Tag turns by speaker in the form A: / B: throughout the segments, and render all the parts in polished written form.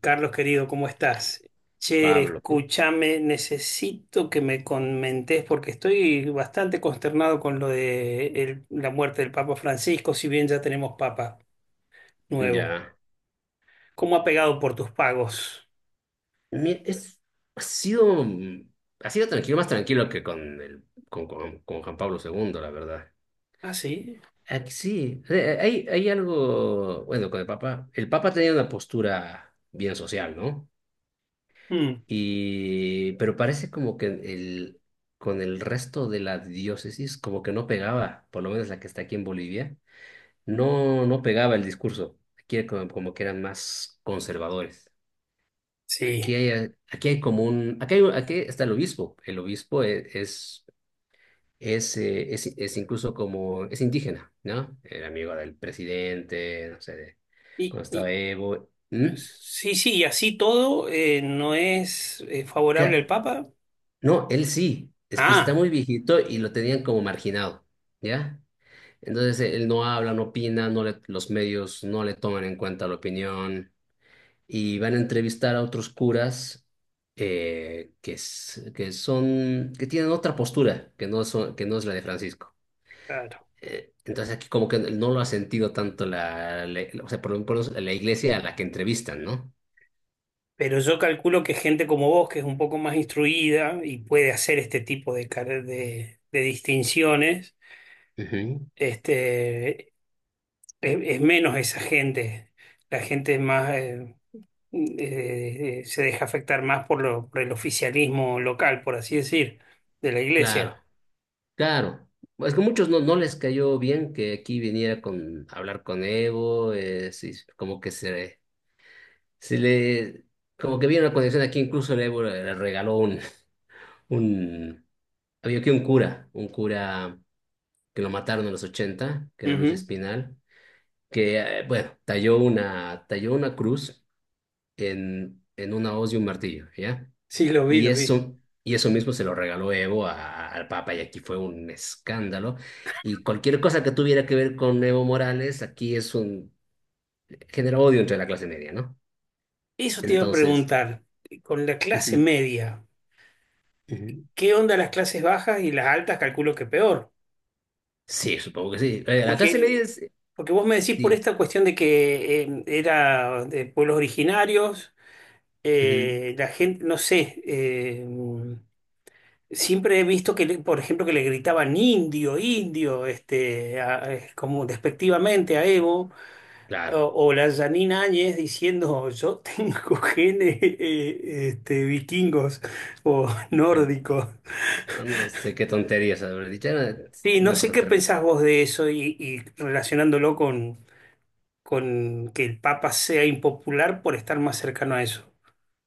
A: Carlos querido, ¿cómo estás? Che,
B: Pablo,
A: escúchame, necesito que me comentes porque estoy bastante consternado con lo de la muerte del Papa Francisco, si bien ya tenemos Papa nuevo.
B: ya.
A: ¿Cómo ha pegado por tus pagos?
B: Mi- Es, ha sido, mm, ha sido tranquilo, más tranquilo que con con Juan Pablo II la verdad.
A: Ah, sí.
B: Aquí sí, hay algo, bueno, con el Papa. El Papa tenía una postura bien social, ¿no?
A: Mm,
B: Y, pero parece como que con el resto de la diócesis, como que no pegaba, por lo menos la que está aquí en Bolivia, no pegaba el discurso. Aquí como que eran más conservadores.
A: sí.
B: Aquí hay como un, aquí, hay- aquí está el obispo. El obispo es incluso como, es indígena, ¿no? Era amigo del presidente, no sé,
A: Y,
B: cuando
A: y-
B: estaba Evo. ¿Mm?
A: sí, sí, y así todo no es favorable al
B: Ca-
A: Papa.
B: No, él sí, es que está
A: Ah,
B: muy viejito y lo tenían como marginado, ¿ya? Entonces él no habla, no opina, los medios no le toman en cuenta la opinión. Y van a entrevistar a otros curas que son, que tienen otra postura, que no es la de Francisco.
A: claro.
B: Entonces aquí como que no lo ha sentido tanto o sea, por lo menos la iglesia a la que entrevistan, ¿no?
A: Pero yo calculo que gente como vos, que es un poco más instruida y puede hacer este tipo de, de distinciones,
B: Ujú.
A: este, es menos esa gente. La gente es más, se deja afectar más por, por el oficialismo local, por así decir, de la
B: Claro,
A: iglesia.
B: claro. Es que muchos no les cayó bien que aquí viniera con a hablar con Evo, sí, como que se le, como que vieron la conexión aquí, incluso el Evo le regaló un. Había aquí un cura que lo mataron en los 80 que era Luis
A: Ujú.
B: Espinal, que, bueno, talló talló una cruz en una hoz y un martillo, ¿ya?
A: Sí, lo vi, lo vi.
B: Y eso mismo se lo regaló Evo al Papa, y aquí fue un escándalo. Y cualquier cosa que tuviera que ver con Evo Morales, genera odio entre la clase media, ¿no?
A: Eso te iba a
B: Entonces,
A: preguntar, con la clase
B: ujú,
A: media,
B: ujú.
A: ¿qué onda las clases bajas y las altas? Calculo que peor.
B: Sí, supongo que sí. La clase media
A: Porque
B: es,
A: Porque vos me decís por
B: di-
A: esta cuestión de que era de pueblos originarios,
B: ujú,
A: la gente, no sé, siempre he visto que, por ejemplo, que le gritaban indio, indio, este, como despectivamente a Evo, o,
B: claro.
A: o la Janine Áñez diciendo, yo tengo genes este, vikingos o nórdicos.
B: No sé qué tonterías haber dicho, era
A: Sí, no
B: una
A: sé
B: cosa
A: qué
B: terrible.
A: pensás vos de eso y relacionándolo con que el Papa sea impopular por estar más cercano a eso.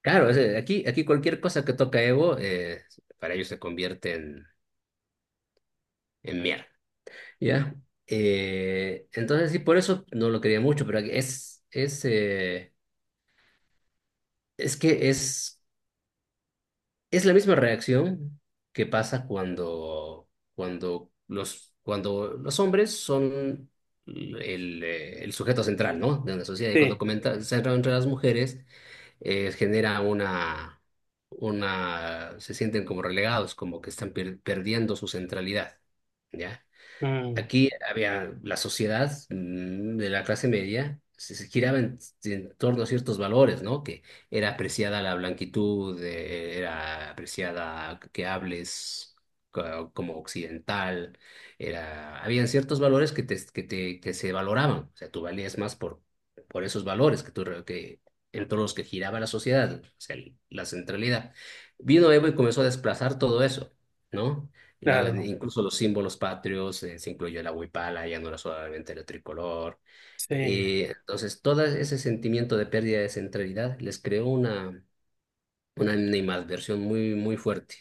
B: Claro, aquí cualquier cosa que toca Evo, para ellos se convierte en mierda, ¿ya? Entonces, sí, por eso no lo quería mucho, pero es que es, es la misma reacción que pasa cuando los hombres son el sujeto central, ¿no? De una sociedad, y cuando
A: Sí,
B: comenta, se entra entre las mujeres genera se sienten como relegados, como que están perdiendo su centralidad, ¿ya?
A: mm,
B: Aquí había la sociedad de la clase media, se giraba en torno a ciertos valores, ¿no? Que era apreciada la blanquitud, era apreciada que hables como occidental, habían ciertos valores que se valoraban, o sea, tú valías más por esos valores que tú, re- que, en torno a los que giraba la sociedad, o sea, la centralidad. Vino Evo y comenzó a desplazar todo eso, ¿no? Y luego,
A: claro,
B: incluso los símbolos patrios, se incluyó la huipala, ya no era solamente el tricolor.
A: sí.
B: Entonces, todo ese sentimiento de pérdida de centralidad les creó una animadversión muy, muy fuerte.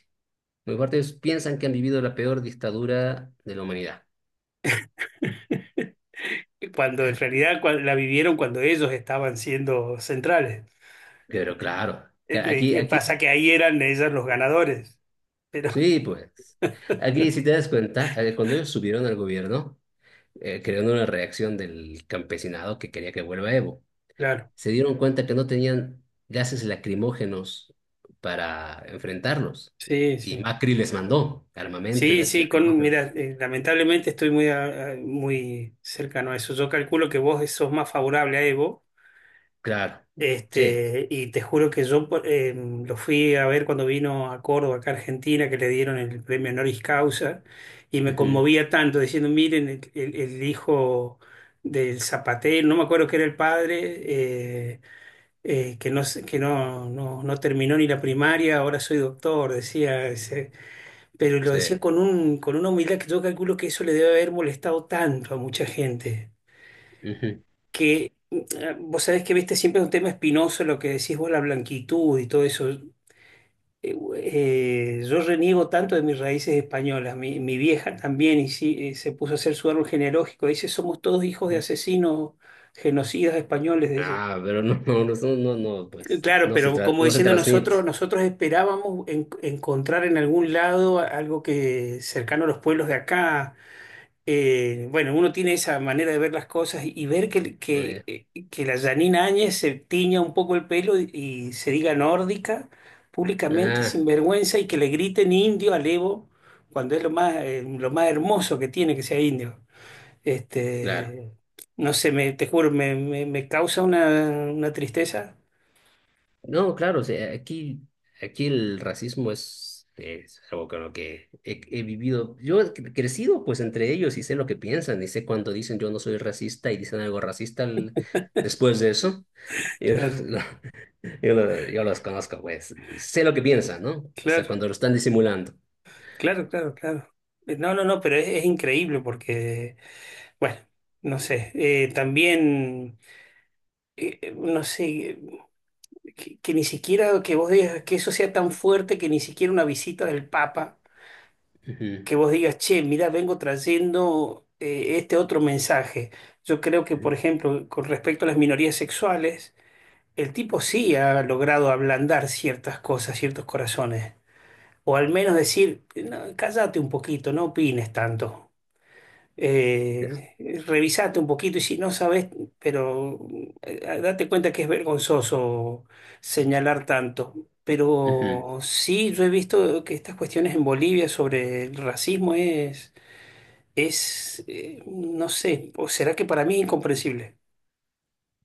B: Muy fuerte. Ellos piensan que han vivido la peor dictadura de la humanidad.
A: Cuando en realidad la vivieron cuando ellos estaban siendo centrales.
B: Pero claro, que
A: ¿Qué
B: aquí,
A: pasa? Que ahí eran ellos los ganadores. Pero,
B: sí, pues, aquí si te das cuenta, cuando ellos subieron al gobierno, crearon una reacción del campesinado que quería que vuelva Evo.
A: claro,
B: Se dieron cuenta que no tenían gases lacrimógenos para enfrentarlos.
A: sí,
B: Y
A: sí.
B: Macri les mandó armamento y
A: Sí,
B: gases
A: sí, con,
B: lacrimógenos.
A: mira, lamentablemente estoy muy, muy cercano a eso. Yo calculo que vos sos más favorable a Evo.
B: Claro, sí.
A: Este, y te juro que yo lo fui a ver cuando vino a Córdoba, acá a Argentina, que le dieron el premio honoris causa, y me
B: Ujú.
A: conmovía tanto diciendo, miren, el hijo del zapatero, no me acuerdo que era el padre, que que no terminó ni la primaria, ahora soy doctor, decía ese, pero lo decía
B: Sí.
A: con un, con una humildad que yo calculo que eso le debe haber molestado tanto a mucha gente
B: Ujú,
A: que vos sabés que viste siempre es un tema espinoso lo que decís vos, la blanquitud y todo eso. Yo reniego tanto de mis raíces españolas. Mi vieja también y sí, se puso a hacer su árbol genealógico. Dice, somos todos hijos de
B: ujú.
A: asesinos, genocidas españoles, dice.
B: Ah, pero no, no, no, no, no, pues
A: Claro,
B: no se
A: pero como
B: no se
A: diciendo nosotros,
B: transmite.
A: nosotros esperábamos encontrar en algún lado algo que cercano a los pueblos de acá. Eh, bueno, uno tiene esa manera de ver las cosas y ver que,
B: Ah, ya.
A: que la Janine Áñez se tiña un poco el pelo y se diga nórdica públicamente
B: Ah,
A: sin vergüenza y que le griten indio al Evo cuando es lo más hermoso que tiene que sea indio.
B: claro.
A: Este, no sé, te juro, me causa una tristeza.
B: No, claro, o sea, aquí el racismo es algo con lo que he vivido. Yo he crecido pues entre ellos y sé lo que piensan y sé cuando dicen yo no soy racista y dicen algo racista después de eso. Yo,
A: Claro,
B: lo- yo los conozco, pues sé lo que piensan, ¿no? Hasta
A: claro,
B: cuando lo están disimulando.
A: claro, claro, claro. No, no, no, pero es increíble porque, bueno, no sé, también... no sé, que ni siquiera que vos digas que eso sea tan fuerte que ni siquiera una visita del Papa,
B: Ujú,
A: que vos digas, che, mira, vengo trayendo este otro mensaje. Yo creo que, por
B: ujú,
A: ejemplo, con respecto a las minorías sexuales, el tipo sí ha logrado ablandar ciertas cosas, ciertos corazones, o al menos decir, "No, cállate un poquito, no opines tanto.
B: ya,
A: eh, revisate un poquito y si no sabes, pero date cuenta que es vergonzoso señalar tanto.
B: ujú.
A: Pero sí, yo he visto que estas cuestiones en Bolivia sobre el racismo es, no sé, o será que para mí es incomprensible.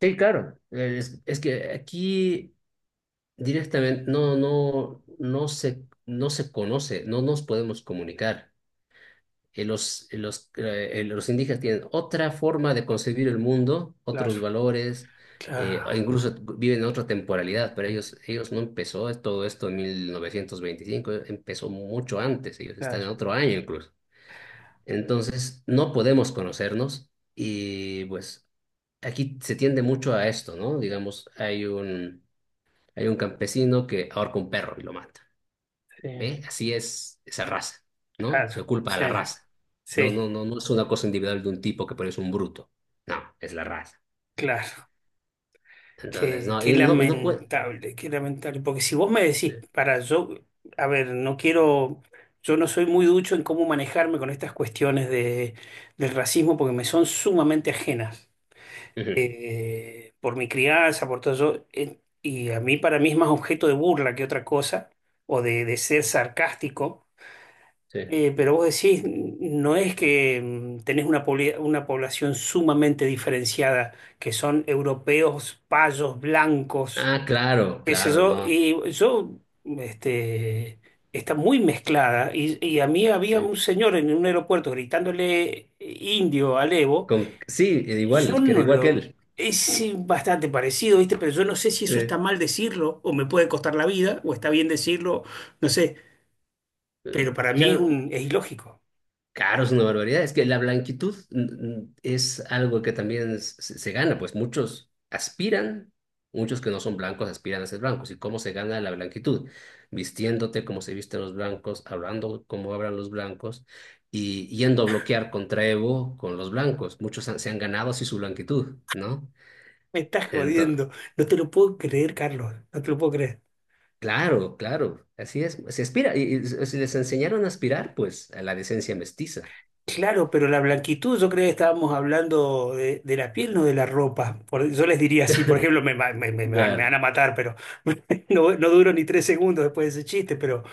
B: Sí, claro. Es que aquí directamente no se conoce, no nos podemos comunicar. Los indígenas tienen otra forma de concebir el mundo, otros
A: Claro,
B: valores, e
A: claro,
B: incluso viven en otra temporalidad, pero ellos no empezó todo esto en 1925, empezó mucho antes, ellos están en
A: claro,
B: otro año incluso. Entonces, no podemos conocernos y pues aquí se tiende mucho a esto, ¿no? Digamos, hay un campesino que ahorca un perro y lo mata.
A: sí,
B: ¿Ve? Así es esa raza, ¿no?
A: claro,
B: Se culpa a
A: sí,
B: la raza. No,
A: sí,
B: no, no, no es una cosa individual de un tipo que parece un bruto. No, es la raza.
A: claro.
B: Entonces,
A: Qué,
B: no,
A: qué
B: y no, no puede.
A: lamentable, qué lamentable. Porque si vos me
B: Sí.
A: decís, para yo, a ver, no quiero, yo no soy muy ducho en cómo manejarme con estas cuestiones de, del racismo porque me son sumamente ajenas.
B: Ujú,
A: Eh, por mi crianza, por todo eso. Eh, y a mí, para mí es más objeto de burla que otra cosa, o de ser sarcástico.
B: sí.
A: Pero vos decís, no es que mm, tenés una, una población sumamente diferenciada, que son europeos, payos, blancos,
B: Ah, claro,
A: qué sé
B: claro,
A: yo,
B: no.
A: y yo, este, está muy mezclada, y a mí
B: Sí,
A: había un señor en un aeropuerto gritándole indio al Evo,
B: Sí,
A: y yo
B: igual, que era
A: no
B: igual que
A: lo,
B: él.
A: es bastante parecido, ¿viste? Pero yo no sé si eso está
B: Sí.
A: mal decirlo, o me puede costar la vida, o está bien decirlo, no sé,
B: Eh,
A: pero para mí es
B: ya,
A: un, es ilógico.
B: caro, es una barbaridad. Es que la blanquitud es algo que también se gana, pues muchos aspiran, muchos que no son blancos aspiran a ser blancos. ¿Y cómo se gana la blanquitud? Vistiéndote como se visten los blancos, hablando como hablan los blancos y yendo a bloquear contra Evo con los blancos. Muchos se han ganado así su blanquitud, ¿no?
A: Me estás
B: Entonces,
A: jodiendo, no te lo puedo creer, Carlos, no te lo puedo creer.
B: claro, claro, así es. Se aspira, y si les enseñaron a aspirar, pues a la decencia mestiza.
A: Claro, pero la blanquitud, yo creo que estábamos hablando de la piel, no de la ropa. Yo les diría así, por ejemplo, me, ma- me- me- me van
B: Claro,
A: a matar, pero no, no duro ni tres segundos después de ese chiste, pero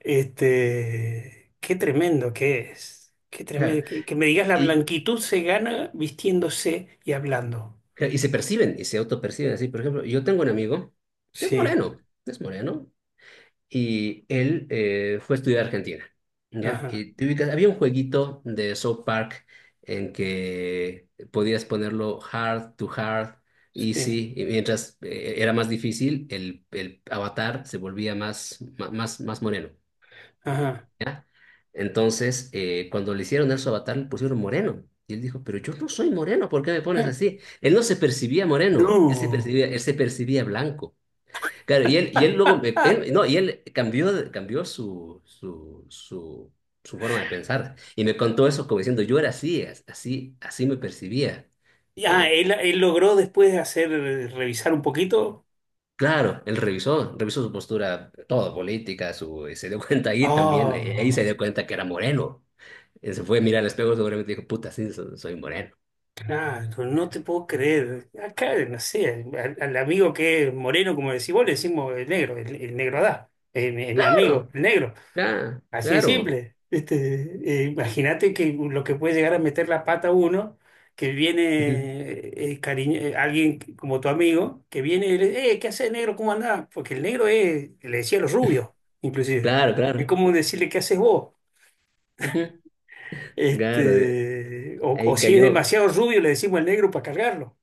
A: este, qué tremendo que es. Qué tremendo.
B: claro.
A: Que me digas, la
B: Y,
A: blanquitud se gana vistiéndose y hablando.
B: Claro, y se perciben, y se autoperciben así. Por ejemplo, yo tengo un amigo que
A: Sí,
B: es moreno, y él fue a estudiar a Argentina, ¿ya?
A: ajá,
B: Y te ubicas, había un jueguito de South Park en que podías ponerlo hard to hard,
A: sí,
B: easy, y mientras era más difícil, el avatar se volvía más moreno.
A: ajá.
B: ¿Ya? Entonces, cuando le hicieron el su avatar, le pusieron moreno. Y él dijo, pero yo no soy moreno, ¿por qué me pones así? Él no se percibía moreno,
A: No.
B: él se percibía blanco. Claro, y él luego, me- él, no, y él cambió, cambió su forma de pensar. Y me contó eso como diciendo, yo era así, así, así me percibía.
A: Ya,
B: Co-
A: él logró después de hacer, revisar un poquito.
B: Claro, él revisó su postura, todo, política, su, y se dio cuenta ahí también, ahí se
A: Oh.
B: dio cuenta que era moreno. Se fue a mirar al espejo, seguramente dijo, puta, sí, soy, moreno.
A: Claro, no te puedo creer. Acá, no sé, al amigo que es moreno, como decís vos, le decimos el negro, el negro Adá, es mi amigo,
B: Claro,
A: el negro.
B: claro,
A: Así de
B: claro.
A: simple. Este, imagínate que lo que puede llegar a meter la pata uno, que viene
B: Ujú.
A: alguien como tu amigo, que viene y le dice, ¿qué haces, negro? ¿Cómo andás? Porque el negro es, le decía a los rubios, inclusive.
B: Claro,
A: Es
B: claro.
A: como decirle, ¿qué haces vos?
B: Ujú. Claro,
A: Este, o
B: ahí
A: si es
B: cayó.
A: demasiado rubio, le decimos el negro para cargarlo.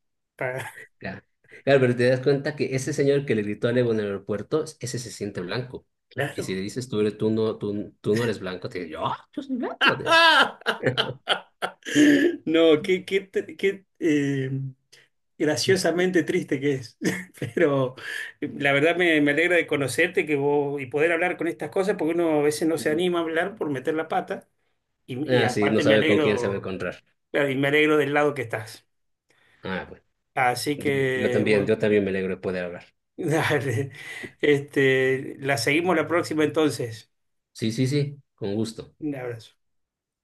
B: Claro. Claro, pero te das cuenta que ese señor que le gritó a Evo en el aeropuerto, ese se siente blanco. Y si
A: Claro.
B: le dices, tú, tú no eres blanco, te dice, yo soy blanco.
A: No, qué, qué, graciosamente triste que es. Pero la verdad me alegra de conocerte que vos, y poder hablar con estas cosas, porque uno a veces no se
B: Ujú.
A: anima a hablar por meter la pata. Y
B: Ah, sí, no
A: aparte me
B: sabe con quién se va a
A: alegro,
B: encontrar.
A: claro, y me alegro del lado que estás.
B: Ah, bueno.
A: Así
B: Sí, yo
A: que,
B: también,
A: bueno,
B: yo también me alegro de poder hablar.
A: dale. Este, la seguimos la próxima entonces.
B: Sí, sí, sí, con gusto.
A: Un abrazo.